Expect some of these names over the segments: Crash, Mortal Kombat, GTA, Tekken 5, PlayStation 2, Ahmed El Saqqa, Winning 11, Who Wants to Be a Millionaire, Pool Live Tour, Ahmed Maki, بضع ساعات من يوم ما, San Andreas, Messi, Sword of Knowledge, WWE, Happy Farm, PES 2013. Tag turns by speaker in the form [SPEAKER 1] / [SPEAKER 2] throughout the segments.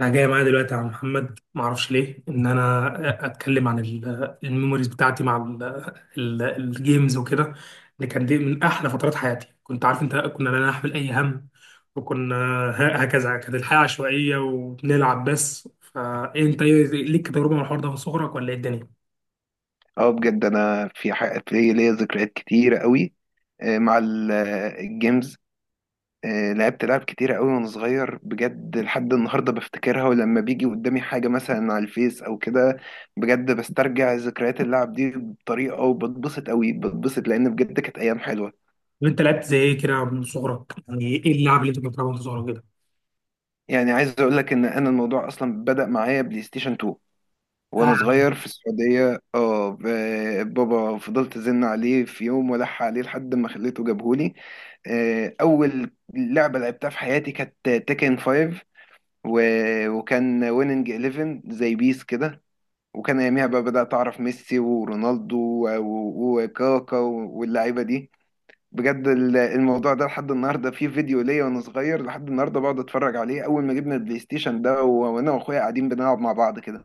[SPEAKER 1] انا جاي معايا دلوقتي يا عم محمد، ما اعرفش ليه ان انا اتكلم عن الميموريز بتاعتي مع الجيمز وكده، اللي كان دي من احلى فترات حياتي. كنت عارف انت، كنا لا نحمل اي هم، وكنا هكذا كانت الحياه عشوائيه وبنلعب بس. فانت ليك تجربه مع الحوار ده من صغرك ولا ايه الدنيا؟
[SPEAKER 2] اه، بجد انا في ليا ذكريات كتيره قوي، مع الجيمز. لعبت لعب كتيره قوي وانا صغير، بجد لحد النهارده بفتكرها، ولما بيجي قدامي حاجه مثلا على الفيس او كده بجد بسترجع ذكريات اللعب دي بطريقه، وبتبسط قوي، بتبسط لان بجد كانت ايام حلوه.
[SPEAKER 1] وانت لعبت زي ايه كده من صغرك؟ يعني ايه اللعب اللي انت كنت بتلعبها من صغرك كده؟
[SPEAKER 2] يعني عايز اقول لك ان انا الموضوع اصلا بدأ معايا بلاي ستيشن 2 وانا صغير في السعوديه. بابا فضلت ازن عليه في يوم والح عليه لحد ما خليته جابهولي. اول لعبه لعبتها في حياتي كانت تيكن 5، وكان ويننج 11 زي بيس كده. وكان اياميها بقى بدات اعرف ميسي ورونالدو وكاكا واللعيبه دي. بجد الموضوع ده لحد النهارده فيه فيديو ليا وانا صغير، لحد النهارده بقعد اتفرج عليه اول ما جبنا البلاي ستيشن ده، وانا واخويا قاعدين بنلعب مع بعض كده.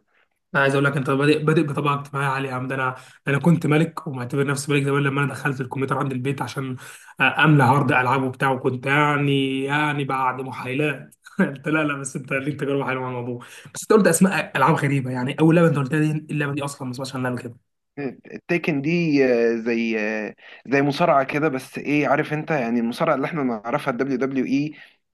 [SPEAKER 1] انا عايز اقول لك انت بادئ بطبقه اجتماعيه عاليه يا عم. ده انا كنت ملك، ومعتبر نفسي ملك زمان لما انا دخلت الكمبيوتر عند البيت عشان املى هارد العاب وبتاع، وكنت يعني بعد محايلات انت، لا لا، بس انت ليك تجربه حلوه مع الموضوع. بس انت قلت اسماء العاب غريبه، يعني اول لعبه انت قلتها دي، اللعبه دي اصلا ما اسمهاش عنها قبل كده.
[SPEAKER 2] التيكن دي زي مصارعة كده، بس ايه، عارف انت يعني المصارعة اللي احنا نعرفها الدبليو دبليو اي؟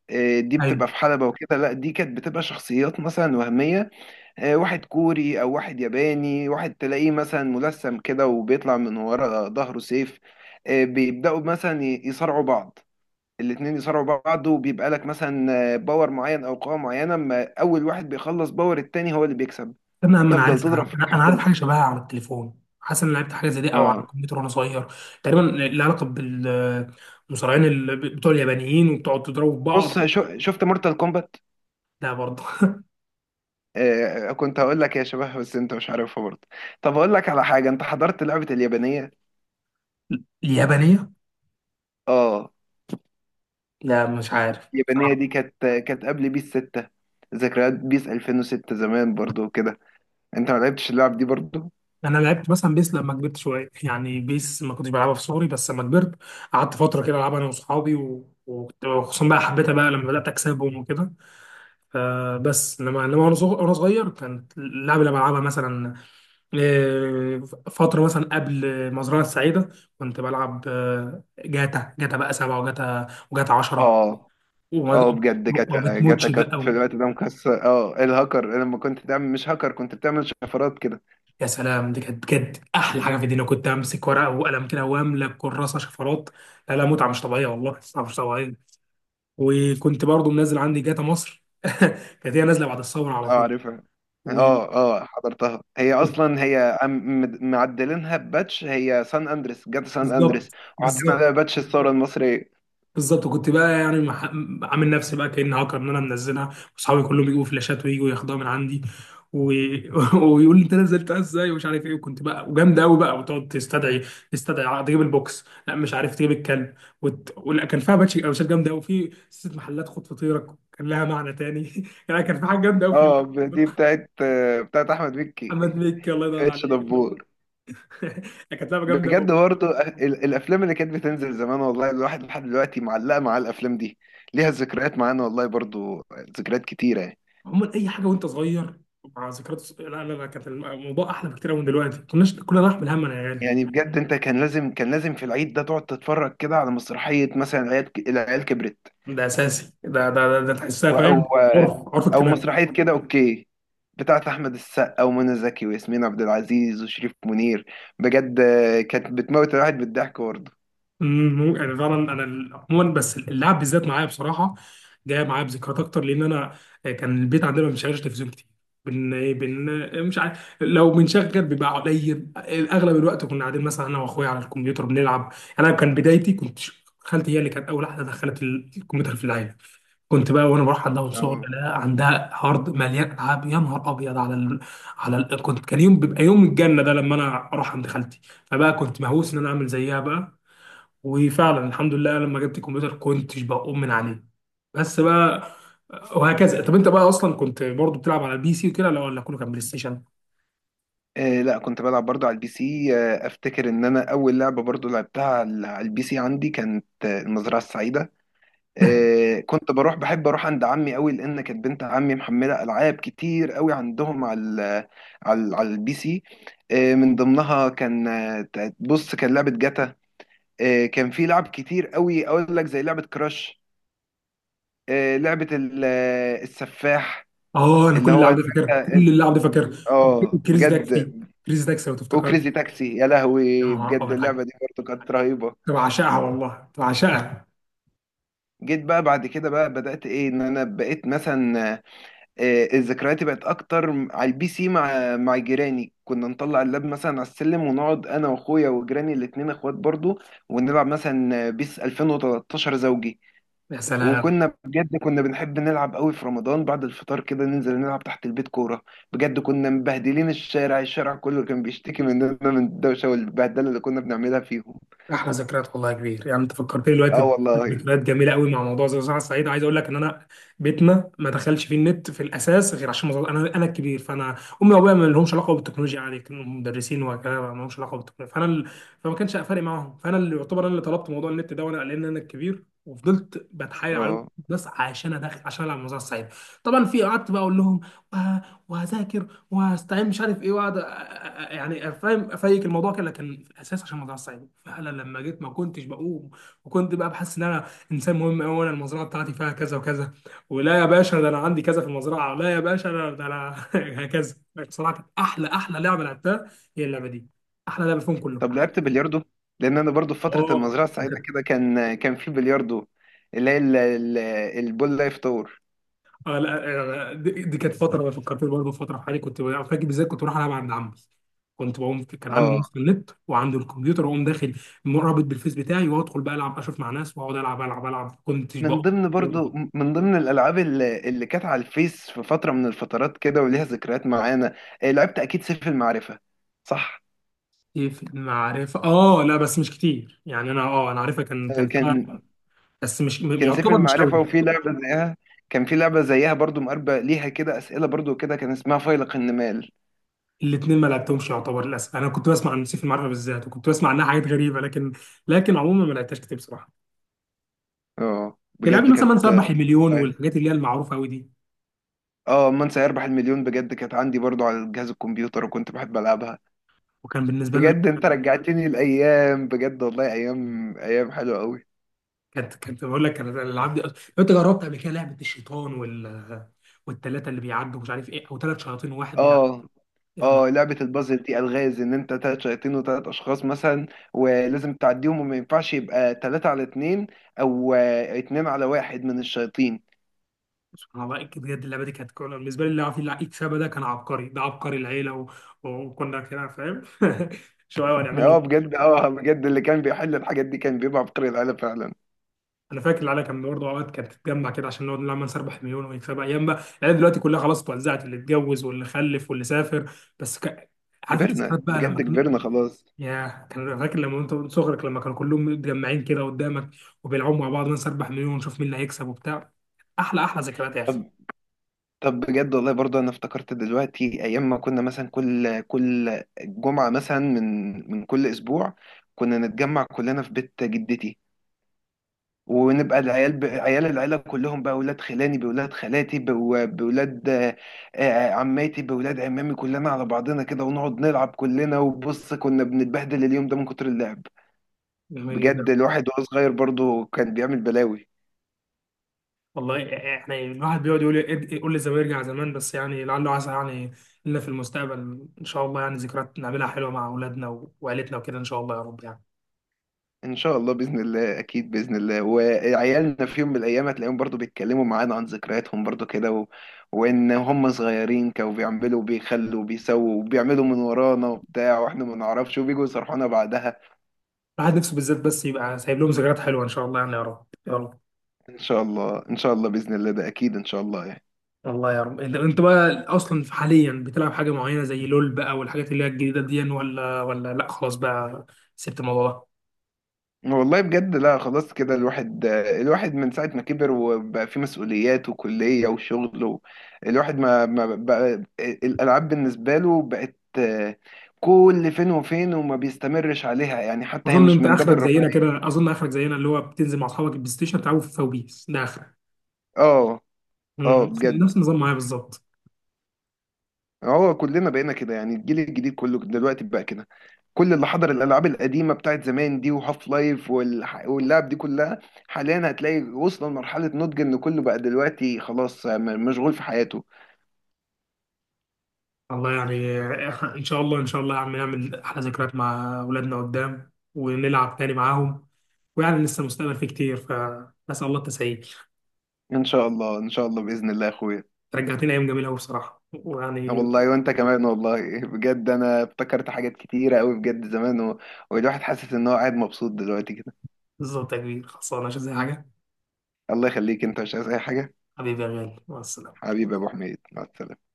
[SPEAKER 2] دي
[SPEAKER 1] ايوه،
[SPEAKER 2] بتبقى في حلبة وكده. لا، دي كانت بتبقى شخصيات مثلا وهمية، واحد كوري او واحد ياباني، واحد تلاقيه مثلا ملثم كده وبيطلع من ورا ظهره سيف. بيبدأوا مثلا يصارعوا بعض، الاتنين يصارعوا بعض، وبيبقى لك مثلا باور معين او قوة معينة، اما اول واحد بيخلص باور التاني هو اللي بيكسب.
[SPEAKER 1] انا اما
[SPEAKER 2] تفضل تضرب
[SPEAKER 1] عارفها،
[SPEAKER 2] فيه
[SPEAKER 1] أنا
[SPEAKER 2] لحد
[SPEAKER 1] عارف حاجه
[SPEAKER 2] ما-
[SPEAKER 1] شبهها على التليفون، حاسس ان أنا لعبت حاجه زي دي او على
[SPEAKER 2] اه
[SPEAKER 1] الكمبيوتر وانا صغير. تقريبا لها علاقه بالمصارعين بتوع اليابانيين وبتقعد تضربوا في بعض.
[SPEAKER 2] بص، شو شفت مورتال كومبات.
[SPEAKER 1] لا برضه.
[SPEAKER 2] كنت هقول لك يا شباب بس انت مش عارفها برضه. طب هقول لك على حاجه، انت حضرت لعبه اليابانيه؟
[SPEAKER 1] اليابانيه.
[SPEAKER 2] اه.
[SPEAKER 1] لا مش عارف
[SPEAKER 2] اليابانيه دي
[SPEAKER 1] بصراحة.
[SPEAKER 2] كانت قبل بيس 6، ذكريات بيس 2006 زمان برضه وكده. انت ما لعبتش اللعب دي برضه؟
[SPEAKER 1] انا لعبت مثلا بيس لما كبرت شويه، يعني بيس ما كنتش بلعبها في صغري بس لما كبرت قعدت فتره كده العبها انا واصحابي، وكنت، وخصوصا بقى حبيتها بقى لما بدات اكسبهم وكده. فبس انما وأنا صغير كانت اللعبه اللي بلعبها مثلا، آه، فتره مثلا قبل مزرعه السعيده، كنت بلعب جاتا. بقى سبعة، وجاتا 10.
[SPEAKER 2] اه،
[SPEAKER 1] وما
[SPEAKER 2] اه، بجد
[SPEAKER 1] وما
[SPEAKER 2] جاتا جاتا
[SPEAKER 1] بتموتش
[SPEAKER 2] كانت في
[SPEAKER 1] بقى.
[SPEAKER 2] الوقت ده مكسر، الهاكر لما كنت تعمل، مش هاكر كنت بتعمل شفرات كده.
[SPEAKER 1] يا سلام، دي كانت بجد احلى حاجه في الدنيا. كنت امسك ورقه وقلم كده واملى كراسه شفرات. لا لا، متعه مش طبيعيه، والله متعه مش طبيعيه. وكنت برضو منزل عندي جاتا مصر كانت هي نازله بعد الثوره على
[SPEAKER 2] اه،
[SPEAKER 1] طول.
[SPEAKER 2] عارفها.
[SPEAKER 1] و...
[SPEAKER 2] اه، اه، حضرتها، هي
[SPEAKER 1] و-
[SPEAKER 2] اصلا هي معدلينها بباتش، هي سان اندريس، جت سان اندريس
[SPEAKER 1] بالظبط
[SPEAKER 2] وحاطين عليها
[SPEAKER 1] بالظبط.
[SPEAKER 2] باتش الثوره المصريه.
[SPEAKER 1] بالظبط كنت بقى عامل نفسي بقى كأني هاكر ان انا منزلها، واصحابي كلهم يجيبوا فلاشات ويجوا ياخدوها من عندي و... ويقول لي انت نزلتها ازاي ومش عارف ايه، وكنت بقى وجامد قوي بقى، وتقعد تستدعي تجيب البوكس، لا مش عارف، تجيب الكلب ولا. كان فيها باتش قوشات جامده قوي، في ست محلات خد فطيرك كان لها معنى تاني يعني كان في حاجه جامده قوي في
[SPEAKER 2] اه، دي بتاعت احمد مكي،
[SPEAKER 1] محمد مكي، الله يدور
[SPEAKER 2] اتش
[SPEAKER 1] عليه.
[SPEAKER 2] دبور.
[SPEAKER 1] كانت لعبه جامده.
[SPEAKER 2] بجد برضه الافلام اللي كانت بتنزل زمان، والله الواحد لحد دلوقتي معلقه مع الافلام دي، ليها ذكريات معانا والله برضه، ذكريات كتيره يعني.
[SPEAKER 1] عموما اي حاجه وانت صغير مع ذكريات لا لا لا، كانت الموضوع احلى بكتير من دلوقتي. ما كناش كنا نحمل هم انا يا غالي.
[SPEAKER 2] يعني بجد انت كان لازم في العيد ده تقعد تتفرج كده على مسرحيه مثلا العيال كبرت.
[SPEAKER 1] ده اساسي، ده تحسها،
[SPEAKER 2] او
[SPEAKER 1] فاهم؟ عرف
[SPEAKER 2] او
[SPEAKER 1] اجتماعي.
[SPEAKER 2] مسرحيه كده، اوكي، بتاعت احمد السقا ومنى زكي وياسمين عبد العزيز وشريف منير. بجد كانت بتموت الواحد بالضحك برضه.
[SPEAKER 1] يعني فعلا انا عموما، بس اللعب بالذات معايا بصراحه جايه معايا بذكريات اكتر، لان انا كان البيت عندنا ما بنشغلش تلفزيون كتير. بن ايه بن مش عارف، لو بنشغل بيبقى قليل. اغلب الوقت كنا قاعدين مثلا انا واخويا على الكمبيوتر بنلعب. انا كان بدايتي، خالتي هي اللي كانت اول واحده دخلت الكمبيوتر في العيله. كنت بقى وانا بروح عندها من صغري،
[SPEAKER 2] اه،
[SPEAKER 1] لا عندها هارد مليان العاب، يا نهار ابيض على كنت، كان يوم بيبقى يوم الجنه ده لما انا اروح عند خالتي. فبقى كنت مهووس ان انا اعمل زيها بقى، وفعلا الحمد لله لما جبت الكمبيوتر كنتش بقوم من عليه بس بقى. وهكذا. طب انت بقى اصلا كنت برضو بتلعب على البي سي وكده، لا، ولا كله كان بلاي ستيشن؟
[SPEAKER 2] لا كنت بلعب برضه على البي سي، افتكر ان انا اول لعبه برضه لعبتها على البي سي عندي كانت المزرعه السعيده. كنت بحب اروح عند عمي قوي لان كانت بنت عمي محمله العاب كتير قوي عندهم على البي سي. من ضمنها كان، بص كان لعبه جاتا. كان في لعب كتير قوي اقول لك زي لعبه كراش، لعبه السفاح،
[SPEAKER 1] اه، انا
[SPEAKER 2] اللي
[SPEAKER 1] كل
[SPEAKER 2] هو،
[SPEAKER 1] اللعب ده فاكرها،
[SPEAKER 2] اه،
[SPEAKER 1] كل اللعب ده فاكرها. وكريزي
[SPEAKER 2] بجد.
[SPEAKER 1] تاكسي، كريزي تاكسي لو تفتكر.
[SPEAKER 2] وكريزي تاكسي، يا
[SPEAKER 1] يا
[SPEAKER 2] لهوي
[SPEAKER 1] نهار
[SPEAKER 2] بجد
[SPEAKER 1] ابيض حاجه،
[SPEAKER 2] اللعبه دي برضه كانت رهيبه.
[SPEAKER 1] كنت بعشقها والله، كنت بعشقها.
[SPEAKER 2] جيت بقى بعد كده بقى، بدات ايه، ان انا بقيت مثلا الذكريات بقت اكتر على البي سي، مع جيراني. كنا نطلع اللاب مثلا على السلم ونقعد انا واخويا وجيراني الاتنين اخوات برضه، ونلعب مثلا بيس 2013 زوجي.
[SPEAKER 1] يا سلام،
[SPEAKER 2] وكنا بجد كنا بنحب نلعب قوي في رمضان، بعد الفطار كده ننزل نلعب تحت البيت كورة. بجد كنا مبهدلين الشارع كله كان بيشتكي مننا من الدوشة والبهدلة اللي كنا بنعملها فيهم.
[SPEAKER 1] احلى ذكريات والله يا كبير. يعني انت فكرتني
[SPEAKER 2] اه،
[SPEAKER 1] دلوقتي
[SPEAKER 2] والله،
[SPEAKER 1] بذكريات جميله قوي مع موضوع زي صحه الصعيد. عايز اقول لك ان انا بيتنا ما دخلش فيه النت في الاساس غير عشان مظبط. انا الكبير، فانا امي وابويا ما لهمش علاقه بالتكنولوجيا، يعني كانوا مدرسين وكده، ما لهمش علاقه بالتكنولوجيا. فما كانش فارق معاهم، فانا اللي، يعتبر انا اللي طلبت موضوع النت ده، وانا لان انا الكبير وفضلت بتحايل عليهم
[SPEAKER 2] اه،
[SPEAKER 1] بس عشان ادخل عشان العب موضوع الصعيد. طبعا في، قعدت بقى اقول لهم وه- وهذاكر وهستعين مش عارف ايه، واقعد يعني، فاهم افيك الموضوع كده، لكن في الاساس عشان الموضوع صعب فعلا لما جيت ما كنتش بقوم. وكنت بقى بحس ان انا انسان مهم قوي، وانا المزرعه بتاعتي فيها كذا وكذا، ولا يا باشا ده انا عندي كذا في المزرعه، لا يا باشا انا ده انا هكذا. بصراحه كانت احلى لعبه لعبتها هي اللعبه دي، احلى لعبه فيهم
[SPEAKER 2] طب
[SPEAKER 1] كلهم.
[SPEAKER 2] لعبت بلياردو؟ لان انا برضو في فترة
[SPEAKER 1] اه.
[SPEAKER 2] المزرعة السعيدة كده كان في بلياردو، اللي هي البول لايف تور.
[SPEAKER 1] اه. لا. دي, كانت فتره فكرتني برضه في فتره في حياتي. كنت فاكر بالذات كنت بروح العب عند عمي. كنت بقوم كان عمي
[SPEAKER 2] اه،
[SPEAKER 1] موسم النت وعنده الكمبيوتر، واقوم داخل مرابط بالفيس بتاعي، وادخل بقى العب اشوف مع ناس، واقعد العب العب العب، كنتش
[SPEAKER 2] من
[SPEAKER 1] بقى.
[SPEAKER 2] ضمن برضو،
[SPEAKER 1] برضه.
[SPEAKER 2] من ضمن الالعاب اللي كانت على الفيس في فترة من الفترات كده وليها ذكريات معانا، لعبت اكيد سيف المعرفة، صح؟
[SPEAKER 1] كنت في المعرفه، اه لا، بس مش كتير، يعني انا، اه انا عارفها، كان فيها،
[SPEAKER 2] كان
[SPEAKER 1] بس مش م-
[SPEAKER 2] كان سيف
[SPEAKER 1] يعتبر مش
[SPEAKER 2] المعرفة
[SPEAKER 1] قوي.
[SPEAKER 2] وفي لعبة زيها. كان في لعبة زيها برضو مقربة ليها كده، أسئلة برضو كده، كان اسمها فيلق النمال.
[SPEAKER 1] الاثنين ما لعبتهمش يعتبر، للاسف. انا كنت بسمع عن سيف المعرفه بالذات، وكنت بسمع عنها حاجات غريبه، لكن لكن عموما ما لعبتهاش كتير بصراحه.
[SPEAKER 2] اه
[SPEAKER 1] تلعبي
[SPEAKER 2] بجد
[SPEAKER 1] مثلا
[SPEAKER 2] كانت.
[SPEAKER 1] من 4 مليون
[SPEAKER 2] اه،
[SPEAKER 1] والحاجات اللي هي المعروفه قوي دي.
[SPEAKER 2] من سيربح المليون بجد كانت عندي برضو على جهاز الكمبيوتر وكنت بحب ألعبها.
[SPEAKER 1] وكان بالنسبه لنا،
[SPEAKER 2] بجد انت رجعتني الأيام، بجد والله أيام، أيام حلوة قوي.
[SPEAKER 1] كانت بقول لك، انا الالعاب دي لو انت جربت قبل كده لعبه الشيطان والثلاثه اللي بيعدوا مش عارف ايه، او ثلاث شياطين وواحد بيعدي.
[SPEAKER 2] اه،
[SPEAKER 1] يا نهار.
[SPEAKER 2] اه، لعبة البازل دي ألغاز ان انت تلات شياطين وتلات اشخاص مثلا، ولازم تعديهم وما ينفعش يبقى تلاتة على اتنين او اتنين على واحد من الشياطين.
[SPEAKER 1] سبحان الله، بجد اللعبه دي كانت كولا بالنسبه لي. اللي عارف اللي يكسبها ده كان عبقري، ده عبقري العيله وكنا كده، فاهم؟ شويه ونعمل له.
[SPEAKER 2] اه بجد، اه بجد، اللي كان بيحل الحاجات دي كان بيبقى عبقري العيله فعلا.
[SPEAKER 1] انا فاكر العيله كان برضه اوقات كانت تتجمع كده عشان نقعد نلعب نسربح مليون ونكسبها. ايام بقى. العيله دلوقتي كلها خلاص اتوزعت، اللي اتجوز واللي خلف واللي سافر. بس ك... عارف انت،
[SPEAKER 2] كبرنا
[SPEAKER 1] ذكريات بقى
[SPEAKER 2] بجد،
[SPEAKER 1] لما،
[SPEAKER 2] كبرنا خلاص.
[SPEAKER 1] ياه، كان فاكر لما انت وانت صغرك لما كانوا كلهم متجمعين كده قدامك وبيلعبوا مع بعض، ننسى 4 مليون ونشوف مين اللي هيكسب وبتاع. احلى احلى ذكريات يا اخي.
[SPEAKER 2] طب طب بجد والله برضه انا افتكرت دلوقتي ايام ما كنا مثلا كل جمعه مثلا من كل اسبوع كنا نتجمع كلنا في بيت جدتي، ونبقى العيال عيال العيله كلهم بقى اولاد خلاني، باولاد خالاتي، بو- باولاد آه، آه، عماتي، باولاد عمامي، كلنا على بعضنا كده ونقعد نلعب كلنا. وبص كنا بنتبهدل اليوم ده من كتر اللعب،
[SPEAKER 1] جميل
[SPEAKER 2] بجد
[SPEAKER 1] جدا.
[SPEAKER 2] الواحد وهو صغير برضه كان بيعمل بلاوي.
[SPEAKER 1] والله احنا الواحد بيقعد يقول، يقول لي زمان يرجع زمان، بس يعني لعله عسى يعني لنا في المستقبل ان شاء الله، يعني ذكريات نعملها حلوه مع اولادنا وعيلتنا وكده ان شاء الله يا رب، يعني
[SPEAKER 2] ان شاء الله، باذن الله، اكيد باذن الله، وعيالنا في يوم من الايام هتلاقيهم برضه بيتكلموا معانا عن ذكرياتهم برضه كده وان هم صغيرين كانوا بيعملوا وبيخلوا وبيسووا وبيعملوا من ورانا وبتاع واحنا ما نعرفش، وبيجوا يصرحونا بعدها.
[SPEAKER 1] الواحد نفسه بالذات بس يبقى سايب لهم ذكريات حلوه ان شاء الله، يعني يا رب يا رب.
[SPEAKER 2] ان شاء الله، ان شاء الله، باذن الله، ده اكيد ان شاء الله.
[SPEAKER 1] الله يا رب. انت بقى اصلا حاليا بتلعب حاجه معينه زي لول بقى والحاجات اللي هي الجديده دي، ولا، ولا لا خلاص بقى سبت الموضوع ده؟
[SPEAKER 2] والله بجد، لا، خلاص كده، الواحد من ساعة ما كبر وبقى فيه مسؤوليات وكلية وشغل الواحد ما بقى الألعاب بالنسبة له بقت كل فين وفين وما بيستمرش عليها، يعني حتى هي مش من باب الرفاهية.
[SPEAKER 1] اظن اخرك زينا، اللي هو بتنزل مع اصحابك البلاي ستيشن تلعبوا في فوبيس، ده اخرك.
[SPEAKER 2] اه، اه
[SPEAKER 1] امم،
[SPEAKER 2] بجد،
[SPEAKER 1] نفس النظام معايا بالظبط.
[SPEAKER 2] هو كلنا بقينا كده، يعني الجيل الجديد كله دلوقتي بقى كده. كل اللي حضر الألعاب القديمة بتاعت زمان دي وهاف لايف واللعب دي كلها، حاليا هتلاقي وصل لمرحلة نضج إن كله بقى دلوقتي خلاص مشغول في حياته.
[SPEAKER 1] الله يعني. ان شاء الله ان شاء الله يا عم، نعمل احلى ذكريات مع اولادنا قدام ونلعب تاني معاهم. ويعني لسه المستقبل فيه كتير، فنسال الله التسهيل.
[SPEAKER 2] ان شاء الله، ان شاء الله باذن الله يا اخويا.
[SPEAKER 1] رجعتني ايام جميله قوي بصراحه، ويعني،
[SPEAKER 2] والله وانت كمان، والله بجد انا افتكرت حاجات كتيره قوي بجد زمان والواحد حاسس ان هو قاعد مبسوط دلوقتي كده.
[SPEAKER 1] بالظبط يا كبير، خلصانه مش زي حاجه.
[SPEAKER 2] الله يخليك، انت مش عايز اي حاجه.
[SPEAKER 1] حبيبي يا غالي مع السلامة.
[SPEAKER 2] حبيبي يا ابو حميد، مع السلامه.